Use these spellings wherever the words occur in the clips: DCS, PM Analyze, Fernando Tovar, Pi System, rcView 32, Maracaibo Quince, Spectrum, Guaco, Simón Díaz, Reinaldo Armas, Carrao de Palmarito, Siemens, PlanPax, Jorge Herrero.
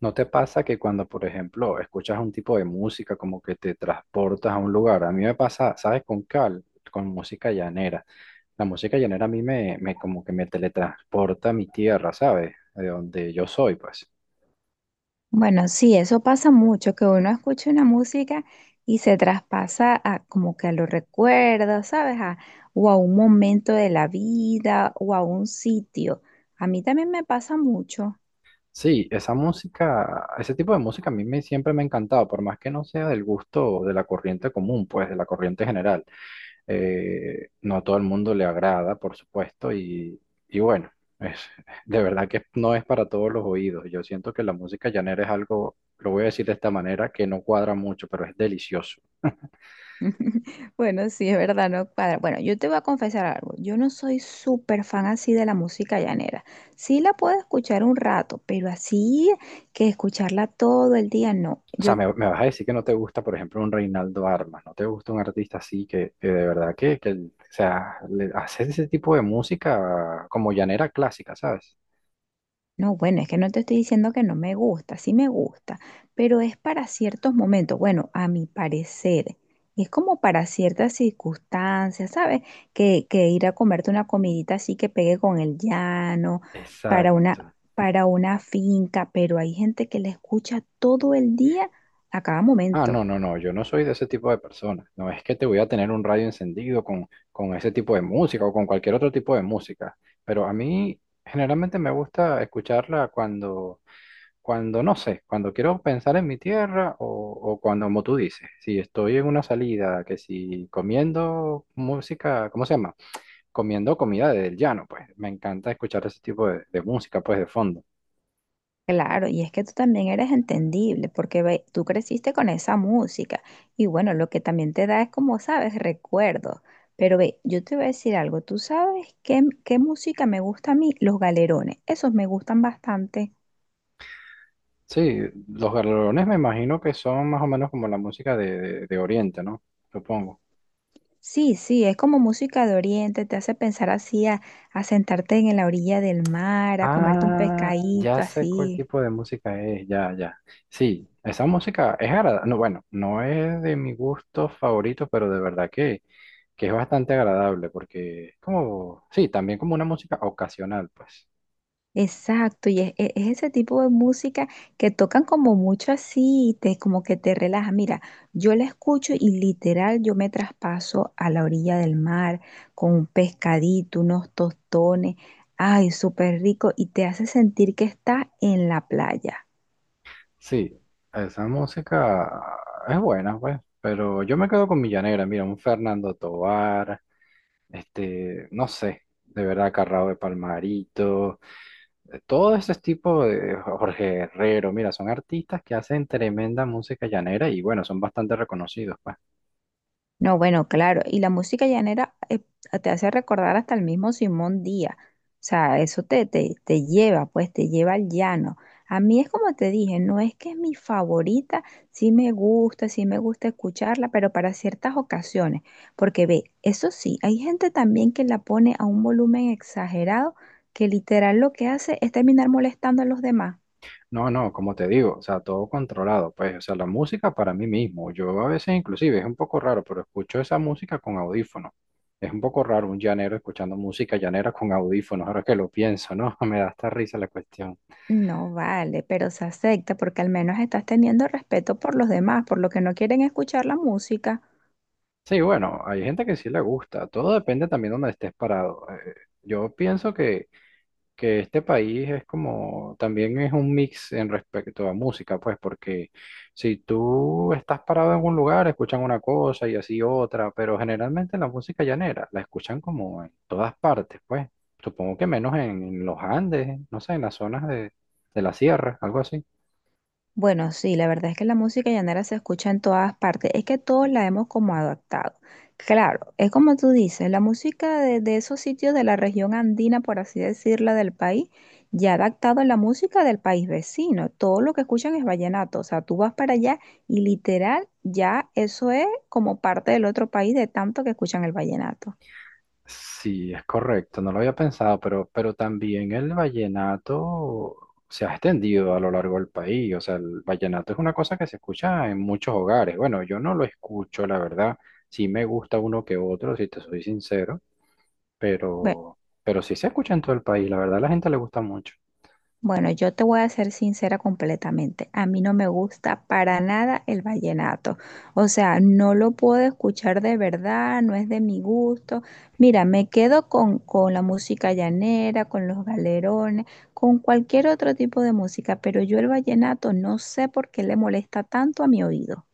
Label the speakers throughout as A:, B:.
A: ¿No te pasa que cuando, por ejemplo, escuchas un tipo de música, como que te transportas a un lugar? A mí me pasa, ¿sabes? Con cal, con música llanera. La música llanera a mí me como que me teletransporta a mi tierra, ¿sabes? De donde yo soy, pues.
B: Bueno, sí, eso pasa mucho, que uno escucha una música y se traspasa a, como que a los recuerdos, ¿sabes? O a un momento de la vida o a un sitio. A mí también me pasa mucho.
A: Sí, esa música, ese tipo de música a mí me, siempre me ha encantado, por más que no sea del gusto de la corriente común, pues de la corriente general. No a todo el mundo le agrada, por supuesto, y bueno, es, de verdad que no es para todos los oídos. Yo siento que la música llanera es algo, lo voy a decir de esta manera, que no cuadra mucho, pero es delicioso.
B: Bueno, sí, es verdad, no cuadra. Bueno, yo te voy a confesar algo. Yo no soy súper fan así de la música llanera. Sí la puedo escuchar un rato, pero así que escucharla todo el día, no.
A: O sea,
B: Yo
A: me vas a decir que no te gusta, por ejemplo, un Reinaldo Armas, no te gusta un artista así que de verdad que, o sea, le- hace ese tipo de música como llanera clásica, ¿sabes?
B: no, bueno, es que no te estoy diciendo que no me gusta, sí me gusta, pero es para ciertos momentos, bueno, a mi parecer, es como para ciertas circunstancias, ¿sabes? Que ir a comerte una comidita así que pegue con el llano, para una,
A: Exacto.
B: para una finca, pero hay gente que la escucha todo el día a cada
A: Ah, no,
B: momento.
A: no, no, yo no soy de ese tipo de personas. No es que te voy a tener un radio encendido con ese tipo de música o con cualquier otro tipo de música, pero a mí generalmente me gusta escucharla cuando. Cuando no sé, cuando quiero pensar en mi tierra o cuando, como tú dices, si estoy en una salida, que si comiendo música, ¿cómo se llama? Comiendo comida del llano, pues me encanta escuchar ese tipo de música, pues de fondo.
B: Claro, y es que tú también eres entendible porque tú creciste con esa música y bueno, lo que también te da es como sabes, recuerdos. Pero ve, yo te voy a decir algo, tú sabes qué, qué música me gusta a mí, los galerones, esos me gustan bastante.
A: Sí, los galerones me imagino que son más o menos como la música de Oriente, ¿no? Supongo.
B: Sí, sí, es como música de oriente, te hace pensar así a sentarte en la orilla del mar, a comerte un
A: Ah, ya
B: pescadito
A: sé cuál
B: así.
A: tipo de música es, ya, ya. Sí, esa música es agradable. No, bueno, no es de mi gusto favorito, pero de verdad que es bastante agradable porque es como, sí, también como una música ocasional, pues.
B: Exacto, y es, es ese tipo de música que tocan como mucho así, te, como que te relaja. Mira, yo la escucho y literal yo me traspaso a la orilla del mar con un pescadito, unos tostones, ay, súper rico, y te hace sentir que estás en la playa.
A: Sí, esa música es buena, pues, pero yo me quedo con Millanera, mira, un Fernando Tovar, este, no sé, de verdad, Carrao de Palmarito. Todo ese tipo de Jorge Herrero, mira, son artistas que hacen tremenda música llanera y bueno, son bastante reconocidos, pues.
B: No, bueno, claro, y la música llanera te hace recordar hasta el mismo Simón Díaz, o sea, eso te, te, te lleva, pues te lleva al llano. A mí es como te dije, no es que es mi favorita, sí me gusta escucharla, pero para ciertas ocasiones, porque ve, eso sí, hay gente también que la pone a un volumen exagerado que literal lo que hace es terminar molestando a los demás.
A: No, no, como te digo, o sea, todo controlado, pues, o sea, la música para mí mismo. Yo a veces inclusive es un poco raro, pero escucho esa música con audífono. Es un poco raro un llanero escuchando música llanera con audífonos, ahora que lo pienso, ¿no? Me da hasta risa la cuestión.
B: No vale, pero se acepta porque al menos estás teniendo respeto por los demás, por lo que no quieren escuchar la música.
A: Sí, bueno, hay gente que sí le gusta, todo depende también de donde estés parado. Yo pienso que este país es como, también es un mix en respecto a música, pues, porque si tú estás parado en un lugar, escuchan una cosa y así otra, pero generalmente la música llanera la escuchan como en todas partes, pues, supongo que menos en los Andes, no sé, en las zonas de la sierra, algo así.
B: Bueno, sí, la verdad es que la música llanera se escucha en todas partes, es que todos la hemos como adaptado. Claro, es como tú dices, la música de esos sitios de la región andina, por así decirla, del país, ya ha adaptado a la música del país vecino. Todo lo que escuchan es vallenato, o sea, tú vas para allá y literal ya eso es como parte del otro país de tanto que escuchan el vallenato.
A: Sí, es correcto, no lo había pensado, pero también el vallenato se ha extendido a lo largo del país, o sea, el vallenato es una cosa que se escucha en muchos hogares. Bueno, yo no lo escucho, la verdad, sí me gusta uno que otro, si te soy sincero,
B: Bueno,
A: pero, pero sí se escucha en todo el país, la verdad, a la gente le gusta mucho.
B: Bueno, yo te voy a ser sincera completamente. A mí no me gusta para nada el vallenato. O sea, no lo puedo escuchar de verdad, no es de mi gusto. Mira, me quedo con la música llanera, con los galerones, con cualquier otro tipo de música, pero yo el vallenato no sé por qué le molesta tanto a mi oído.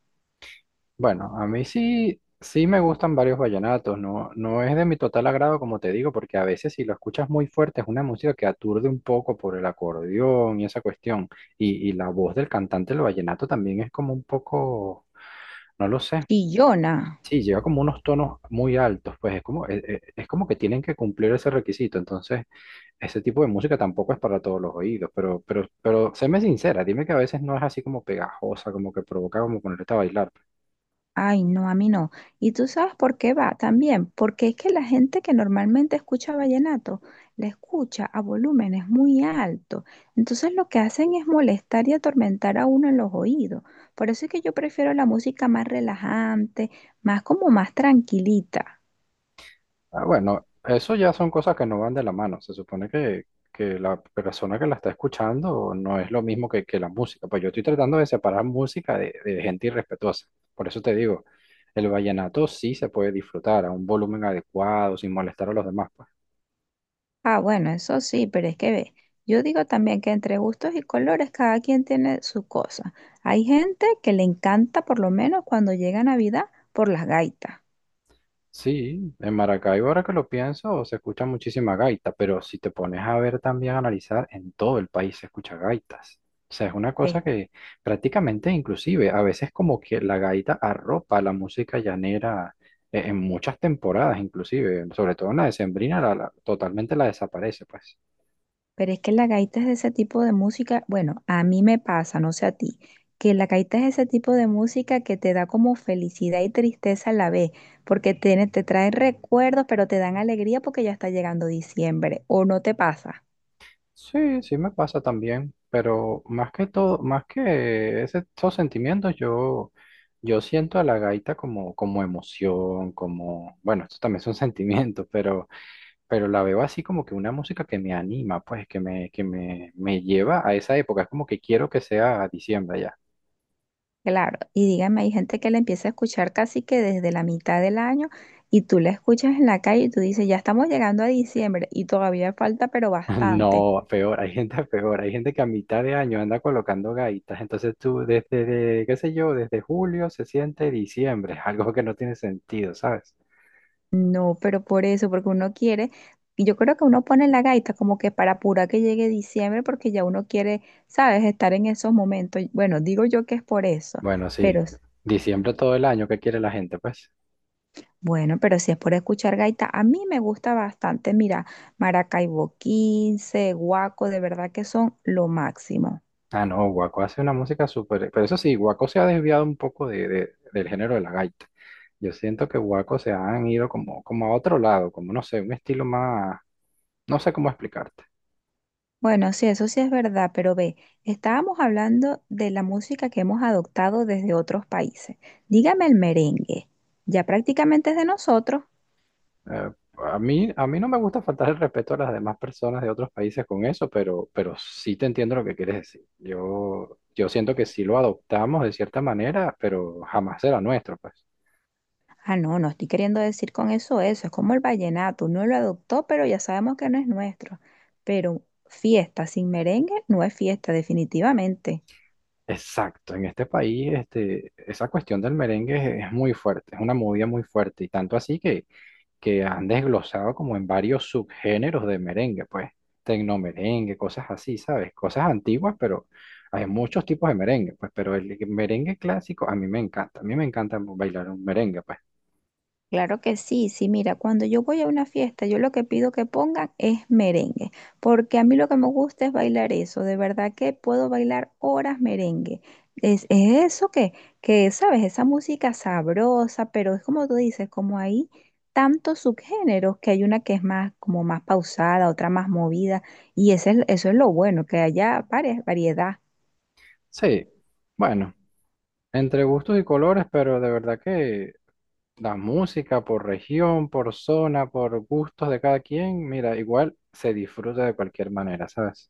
A: Bueno, a mí sí, sí me gustan varios vallenatos, no, no es de mi total agrado, como te digo, porque a veces si lo escuchas muy fuerte es una música que aturde un poco por el acordeón y esa cuestión, y la voz del cantante del vallenato también es como un poco, no lo sé,
B: Chillona.
A: sí, lleva como unos tonos muy altos, pues es como que tienen que cumplir ese requisito, entonces ese tipo de música tampoco es para todos los oídos, pero séme sincera, dime que a veces no es así como pegajosa, como que provoca como ponerte a bailar.
B: Ay, no, a mí no. ¿Y tú sabes por qué va también? Porque es que la gente que normalmente escucha vallenato la escucha a volúmenes muy altos. Entonces lo que hacen es molestar y atormentar a uno en los oídos. Por eso es que yo prefiero la música más relajante, más como más tranquilita.
A: Ah, bueno, eso ya son cosas que no van de la mano. Se supone que la persona que la está escuchando no es lo mismo que la música. Pues yo estoy tratando de separar música de gente irrespetuosa. Por eso te digo, el vallenato sí se puede disfrutar a un volumen adecuado, sin molestar a los demás, pues.
B: Ah, bueno, eso sí, pero es que ve, yo digo también que entre gustos y colores cada quien tiene su cosa. Hay gente que le encanta por lo menos cuando llega Navidad por las gaitas.
A: Sí, en Maracaibo, ahora que lo pienso, se escucha muchísima gaita, pero si te pones a ver también, a analizar, en todo el país se escucha gaitas. O sea, es una
B: Sí.
A: cosa que prácticamente, inclusive, a veces como que la gaita arropa la música llanera, en muchas temporadas, inclusive, sobre todo en la decembrina, la- la- totalmente la desaparece, pues.
B: Pero es que la gaita es de ese tipo de música, bueno, a mí me pasa, no sé a ti, que la gaita es ese tipo de música que te da como felicidad y tristeza a la vez, porque tiene, te trae recuerdos, pero te dan alegría porque ya está llegando diciembre, o no te pasa.
A: Sí, sí me pasa también, pero más que todo, más que ese- esos sentimientos, yo siento a la gaita como, como emoción, como, bueno, esto también son sentimientos, pero la veo así como que una música que me anima, pues, que me lleva a esa época, es como que quiero que sea diciembre ya.
B: Claro, y dígame, hay gente que la empieza a escuchar casi que desde la mitad del año y tú la escuchas en la calle y tú dices, ya estamos llegando a diciembre y todavía falta, pero bastante.
A: No, peor, hay gente peor, hay gente que a mitad de año anda colocando gaitas, entonces tú desde, de- qué sé yo, desde julio se siente diciembre, algo que no tiene sentido, ¿sabes?
B: No, pero por eso, porque uno quiere, y yo creo que uno pone la gaita como que para apurar que llegue diciembre, porque ya uno quiere, ¿sabes?, estar en esos momentos. Bueno, digo yo que es por eso,
A: Bueno,
B: pero
A: sí. Diciembre todo el año, ¿qué quiere la gente, pues?
B: bueno, pero si es por escuchar gaita, a mí me gusta bastante, mira, Maracaibo 15, Guaco, de verdad que son lo máximo.
A: Ah, no, Guaco hace una música súper... Pero eso sí, Guaco se ha desviado un poco de- del género de la gaita. Yo siento que Guaco se han ido como, como a otro lado, como no sé, un estilo más... No sé cómo explicarte.
B: Bueno, sí, eso sí es verdad, pero ve, estábamos hablando de la música que hemos adoptado desde otros países. Dígame el merengue, ya prácticamente es de nosotros.
A: Eh, a mí, a mí no me gusta faltar el respeto a las demás personas de otros países con eso, pero sí te entiendo lo que quieres decir. Yo siento que sí lo adoptamos de cierta manera, pero jamás será nuestro, pues.
B: Ah, no, no estoy queriendo decir con eso eso, es como el vallenato, uno lo adoptó, pero ya sabemos que no es nuestro. Pero fiesta sin merengue no es fiesta, definitivamente.
A: Exacto, en este país este, esa cuestión del merengue es muy fuerte, es una movida muy fuerte y tanto así que han desglosado como en varios subgéneros de merengue, pues tecnomerengue, cosas así, ¿sabes? Cosas antiguas, pero hay muchos tipos de merengue, pues pero el merengue clásico a mí me encanta, a mí me encanta bailar un merengue, pues
B: Claro que sí, sí, mira, cuando yo voy a una fiesta, yo lo que pido que pongan es merengue, porque a mí lo que me gusta es bailar eso, de verdad que puedo bailar horas merengue. Es eso que, sabes, esa música sabrosa, pero es como tú dices, como hay tantos subgéneros, que hay una que es más, como más pausada, otra más movida, y ese eso es lo bueno, que haya varias, variedad.
A: sí, bueno, entre gustos y colores, pero de verdad que la música por región, por zona, por gustos de cada quien, mira, igual se disfruta de cualquier manera, ¿sabes?